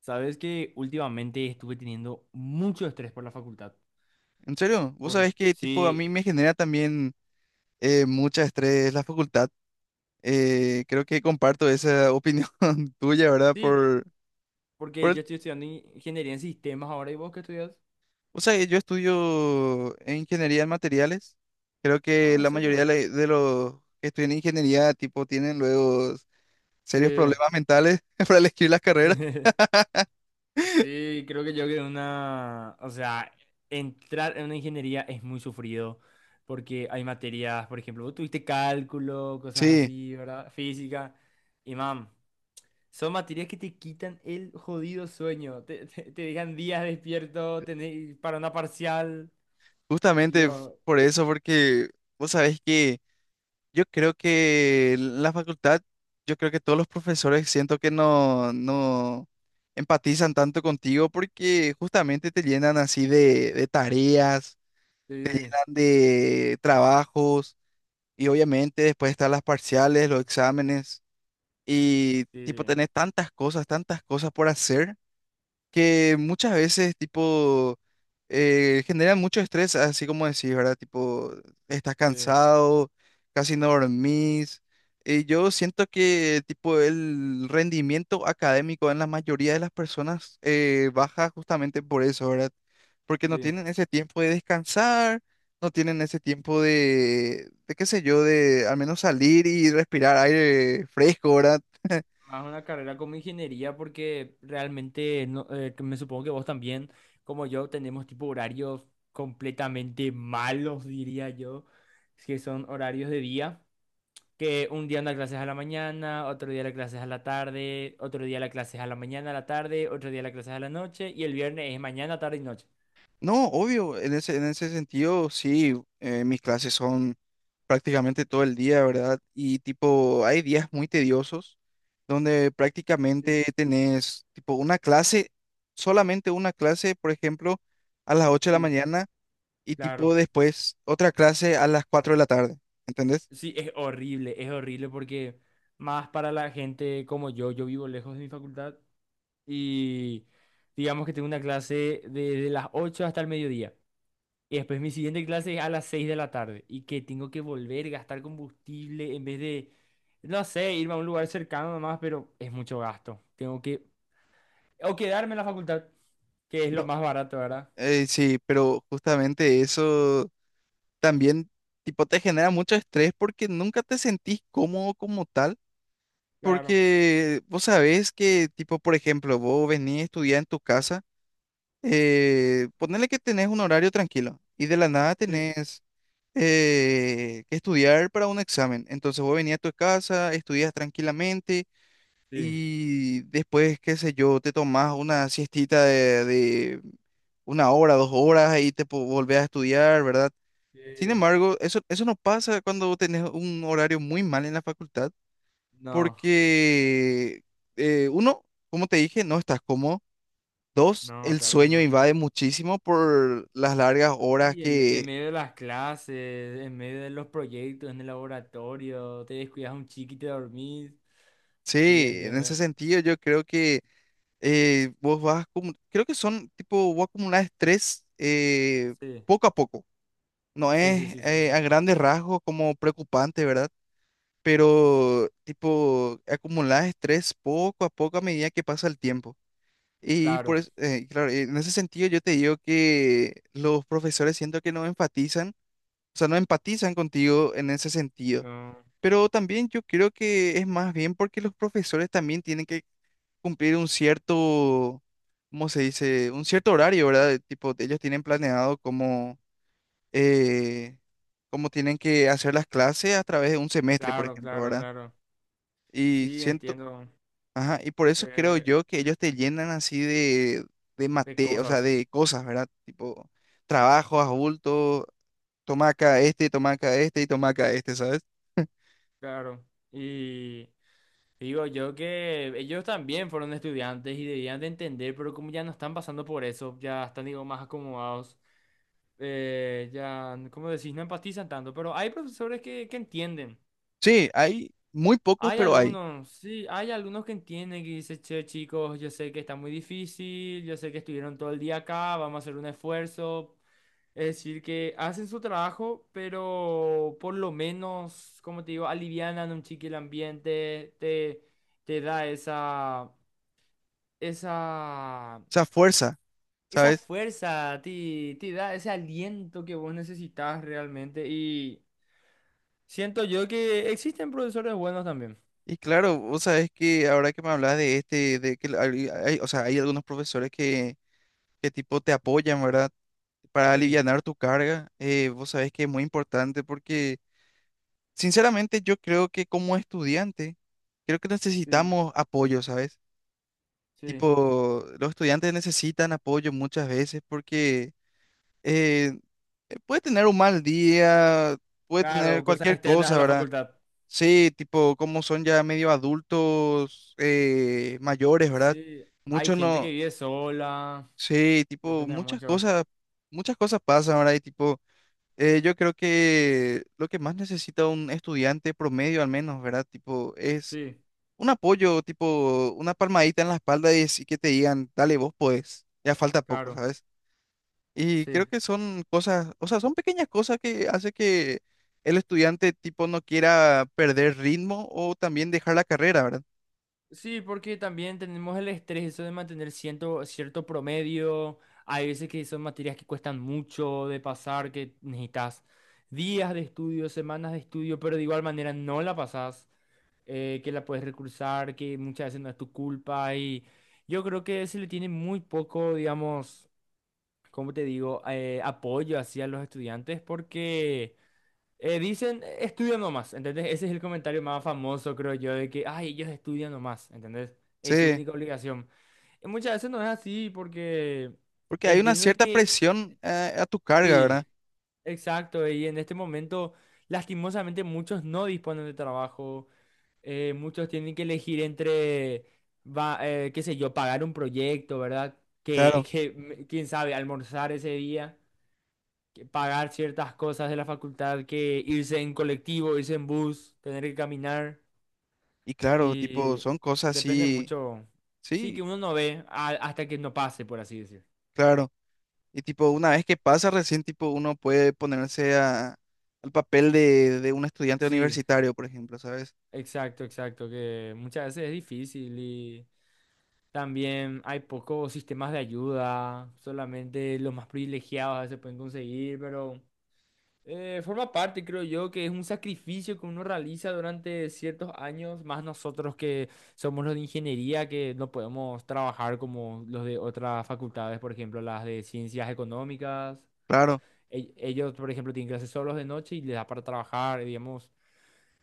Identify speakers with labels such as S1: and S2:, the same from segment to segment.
S1: Sabes que últimamente estuve teniendo mucho estrés por la facultad.
S2: En serio, vos sabés que tipo a
S1: Sí,
S2: mí me genera también mucho estrés la facultad. Creo que comparto esa opinión tuya, ¿verdad?
S1: sí,
S2: Por
S1: porque
S2: el-
S1: yo estoy estudiando ingeniería en sistemas ahora y vos qué estudias.
S2: o sea, yo estudio en ingeniería en materiales. Creo
S1: Ah,
S2: que
S1: ¿en
S2: la mayoría de,
S1: serio?
S2: la- de los que estudian ingeniería tipo tienen luego
S1: Sí.
S2: serios problemas mentales para elegir las carreras.
S1: Sí, creo que yo que una, o sea, entrar en una ingeniería es muy sufrido porque hay materias, por ejemplo, vos tuviste cálculo, cosas
S2: Sí,
S1: así, ¿verdad? Física. Y mam, Son materias que te quitan el jodido sueño. Te dejan días despierto tenés, para una parcial.
S2: justamente
S1: Dios.
S2: por eso, porque vos sabés que yo creo que la facultad, yo creo que todos los profesores siento que no empatizan tanto contigo porque justamente te llenan así de tareas, te
S1: Sí,
S2: llenan de trabajos y obviamente después están las parciales, los exámenes y tipo
S1: sí,
S2: tenés tantas cosas por hacer que muchas veces, tipo, generan mucho estrés, así como decís, ¿verdad? Tipo, estás
S1: sí,
S2: cansado, casi no dormís. Y yo siento que, tipo, el rendimiento académico en la mayoría de las personas baja justamente por eso, ¿verdad? Porque no
S1: sí.
S2: tienen ese tiempo de descansar, no tienen ese tiempo de qué sé yo, de al menos salir y respirar aire fresco, ¿verdad?
S1: Más una carrera como ingeniería porque realmente no, que me supongo que vos también, como yo, tenemos tipo horarios completamente malos, diría yo, que son horarios de día. Que un día una clase es a la mañana, otro día la clase es a la tarde, otro día la clase es a la mañana, a la tarde, otro día la clase es a la noche y el viernes es mañana, tarde y noche.
S2: No, obvio, en ese sentido, sí, mis clases son prácticamente todo el día, ¿verdad? Y tipo, hay días muy tediosos donde prácticamente
S1: Sí,
S2: tenés tipo una clase, solamente una clase, por ejemplo, a las ocho de la
S1: sí.
S2: mañana y
S1: Claro.
S2: tipo después otra clase a las 4 de la tarde, ¿entendés?
S1: Sí, es horrible porque más para la gente como yo vivo lejos de mi facultad y digamos que tengo una clase desde las 8 hasta el mediodía. Y después mi siguiente clase es a las 6 de la tarde y que tengo que volver, gastar combustible en vez de, no sé, irme a un lugar cercano nomás, pero es mucho gasto. Tengo que, o quedarme en la facultad, que es lo
S2: No,
S1: más barato, ¿verdad?
S2: sí, pero justamente eso también tipo te genera mucho estrés porque nunca te sentís cómodo como tal.
S1: Claro,
S2: Porque vos sabés que, tipo, por ejemplo, vos venís a estudiar en tu casa, ponele que tenés un horario tranquilo y de la nada
S1: sí.
S2: tenés que estudiar para un examen. Entonces vos venís a tu casa, estudias tranquilamente
S1: Sí.
S2: y después, qué sé yo, te tomás una siestita de una hora, dos horas y te volvés a estudiar, ¿verdad? Sin
S1: Sí.
S2: embargo, eso no pasa cuando tenés un horario muy mal en la facultad
S1: No,
S2: porque uno, como te dije, no estás cómodo. Dos,
S1: no,
S2: el
S1: claro que
S2: sueño
S1: no.
S2: invade muchísimo por las largas horas
S1: Y en
S2: que,
S1: medio de las clases, en medio de los proyectos, en el laboratorio, te descuidas un chiqui y te dormís. Sí,
S2: sí, en ese
S1: entiendo.
S2: sentido yo creo que vos vas, creo que son tipo, vos acumular estrés
S1: Sí,
S2: poco a poco. No
S1: sí, sí,
S2: es
S1: sí, sí. Sí.
S2: a grandes rasgos como preocupante, ¿verdad? Pero tipo, acumular estrés poco a poco a medida que pasa el tiempo. Y por
S1: Claro.
S2: eso, claro, en ese sentido yo te digo que los profesores siento que no enfatizan, o sea, no empatizan contigo en ese sentido.
S1: No,
S2: Pero también yo creo que es más bien porque los profesores también tienen que cumplir un cierto, ¿cómo se dice? Un cierto horario, ¿verdad? Tipo, ellos tienen planeado cómo, eh, cómo tienen que hacer las clases a través de un semestre, por
S1: claro,
S2: ejemplo,
S1: claro,
S2: ¿verdad?
S1: claro.
S2: Y
S1: Sí,
S2: siento,
S1: entiendo,
S2: ajá, y por eso creo
S1: eh,
S2: yo que ellos te llenan así
S1: de
S2: o sea,
S1: cosas,
S2: de cosas, ¿verdad? Tipo, trabajo, adulto, toma acá este y toma acá este, ¿sabes?
S1: claro. Y digo yo que ellos también fueron estudiantes y debían de entender, pero como ya no están pasando por eso, ya están, digo, más acomodados, ya, como decís, no empatizan tanto, pero hay profesores que entienden.
S2: Sí, hay muy pocos,
S1: Hay
S2: pero hay.
S1: algunos, sí, hay algunos que entienden que dicen, che, chicos, yo sé que está muy difícil, yo sé que estuvieron todo el día acá, vamos a hacer un esfuerzo. Es decir, que hacen su trabajo, pero por lo menos, como te digo, alivianan un chiqui el ambiente, te da esa, esa,
S2: O sea, fuerza,
S1: esa
S2: ¿sabes?
S1: fuerza, te da ese aliento que vos necesitas realmente. Y siento yo que existen profesores buenos también.
S2: Y claro, vos sabés que ahora que me hablas de este, de que o sea, hay algunos profesores que tipo te apoyan, ¿verdad? Para
S1: Sí,
S2: alivianar tu carga, vos sabés que es muy importante porque sinceramente, yo creo que como estudiante, creo que
S1: sí,
S2: necesitamos apoyo, ¿sabes?
S1: sí.
S2: Tipo, los estudiantes necesitan apoyo muchas veces porque eh, puede tener un mal día, puede
S1: Claro,
S2: tener
S1: cosas
S2: cualquier
S1: externas a
S2: cosa,
S1: la
S2: ¿verdad?
S1: facultad.
S2: Sí, tipo, como son ya medio adultos mayores, ¿verdad?
S1: Sí, hay
S2: Muchos
S1: gente
S2: no,
S1: que vive sola,
S2: sí, tipo,
S1: depende mucho.
S2: muchas cosas pasan, ¿verdad? Y tipo, yo creo que lo que más necesita un estudiante promedio al menos, ¿verdad? Tipo, es
S1: Sí,
S2: un apoyo, tipo una palmadita en la espalda y, así que te digan, dale, vos podés, ya falta poco,
S1: claro,
S2: ¿sabes? Y
S1: sí.
S2: creo que son cosas, o sea, son pequeñas cosas que hace que el estudiante tipo no quiera perder ritmo o también dejar la carrera, ¿verdad?
S1: Sí, porque también tenemos el estrés eso de mantener cierto promedio. Hay veces que son materias que cuestan mucho de pasar, que necesitas días de estudio, semanas de estudio, pero de igual manera no la pasas, que la puedes recursar, que muchas veces no es tu culpa. Y yo creo que se le tiene muy poco, digamos, ¿cómo te digo? Apoyo hacia los estudiantes porque... dicen, estudia nomás, ¿entendés?" Ese es el comentario más famoso, creo yo, de que, ay, ellos estudian nomás, ¿entendés? Es su
S2: Sí,
S1: única obligación. Y muchas veces no es así porque
S2: porque hay una
S1: entiendo de
S2: cierta
S1: que,
S2: presión a tu carga, ¿verdad?
S1: sí, exacto, y en este momento, lastimosamente, muchos no disponen de trabajo, muchos tienen que elegir entre, va, qué sé yo, pagar un proyecto, ¿verdad? Que,
S2: Claro,
S1: que, quién sabe, almorzar ese día, que pagar ciertas cosas de la facultad, que irse en colectivo, irse en bus, tener que caminar
S2: y claro, tipo,
S1: y
S2: son cosas
S1: depende
S2: así,
S1: mucho. Sí, que
S2: sí,
S1: uno no ve hasta que no pase, por así decir.
S2: claro. Y tipo, una vez que pasa recién, tipo, uno puede ponerse a, al papel de un estudiante
S1: Sí,
S2: universitario, por ejemplo, ¿sabes?
S1: exacto, exacto, que muchas veces es difícil y también hay pocos sistemas de ayuda, solamente los más privilegiados a veces pueden conseguir, pero eh, forma parte, creo yo, que es un sacrificio que uno realiza durante ciertos años, más nosotros que somos los de ingeniería, que no podemos trabajar como los de otras facultades, por ejemplo, las de ciencias económicas.
S2: Claro,
S1: Ellos, por ejemplo, tienen clases solos de noche y les da para trabajar, digamos,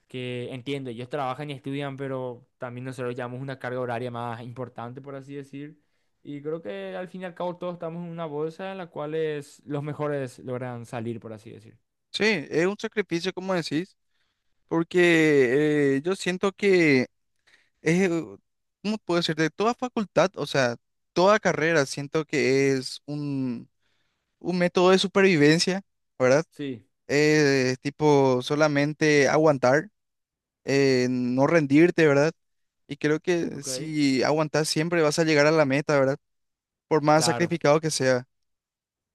S1: que entiendo, ellos trabajan y estudian, pero también nosotros llevamos una carga horaria más importante, por así decir. Y creo que al fin y al cabo todos estamos en una bolsa en la cual es- los mejores logran salir, por así decir.
S2: sí, es un sacrificio, como decís, porque yo siento que es, ¿cómo puedo decir? De toda facultad, o sea, toda carrera, siento que es un método de supervivencia, ¿verdad?
S1: Sí.
S2: Es tipo solamente aguantar, no rendirte, ¿verdad? Y creo que
S1: Ok,
S2: si aguantas siempre vas a llegar a la meta, ¿verdad? Por más
S1: claro,
S2: sacrificado que sea.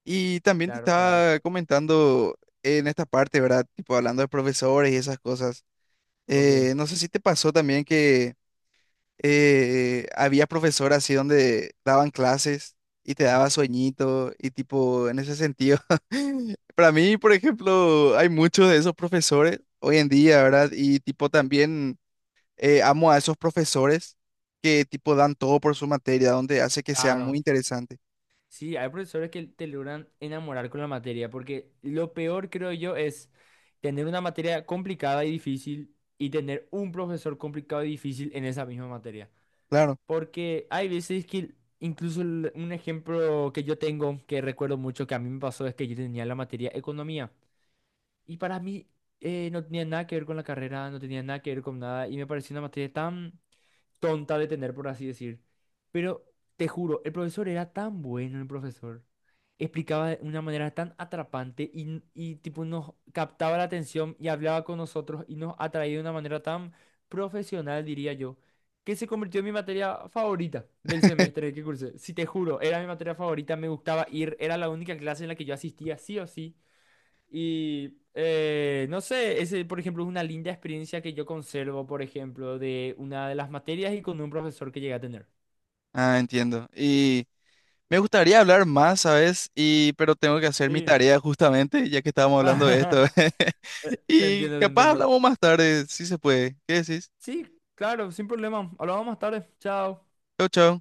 S2: Y también te
S1: claro, claro.
S2: estaba comentando en esta parte, ¿verdad? Tipo hablando de profesores y esas cosas.
S1: Ok,
S2: No sé si te pasó también que había profesor así donde daban clases y te daba sueñito y tipo en ese sentido. Para mí, por ejemplo, hay muchos de esos profesores hoy en día, ¿verdad? Y tipo también amo a esos profesores que tipo dan todo por su materia, donde hace que sea muy
S1: claro.
S2: interesante.
S1: Sí, hay profesores que te logran enamorar con la materia, porque lo peor, creo yo, es tener una materia complicada y difícil y tener un profesor complicado y difícil en esa misma materia.
S2: Claro.
S1: Porque hay veces que, incluso un ejemplo que yo tengo, que recuerdo mucho que a mí me pasó, es que yo tenía la materia economía. Y para mí no tenía nada que ver con la carrera, no tenía nada que ver con nada, y me pareció una materia tan tonta de tener, por así decir. Pero te juro, el profesor era tan bueno, el profesor. Explicaba de una manera tan atrapante y, tipo nos captaba la atención y hablaba con nosotros y nos atraía de una manera tan profesional, diría yo, que se convirtió en mi materia favorita del semestre que cursé. Si te juro, era mi materia favorita, me gustaba ir, era la única clase en la que yo asistía sí o sí. Y no sé, ese, por ejemplo, es una linda experiencia que yo conservo, por ejemplo, de una de las materias y con un profesor que llegué a tener.
S2: Ah, entiendo. Y me gustaría hablar más, ¿sabes? Y pero tengo que hacer mi
S1: Sí.
S2: tarea justamente, ya que estábamos hablando de esto.
S1: Te
S2: Y
S1: entiendo, te
S2: capaz
S1: entiendo.
S2: hablamos más tarde, si se puede. ¿Qué decís?
S1: Sí, claro, sin problema. Hablamos más tarde. Chao.
S2: Chau, chau.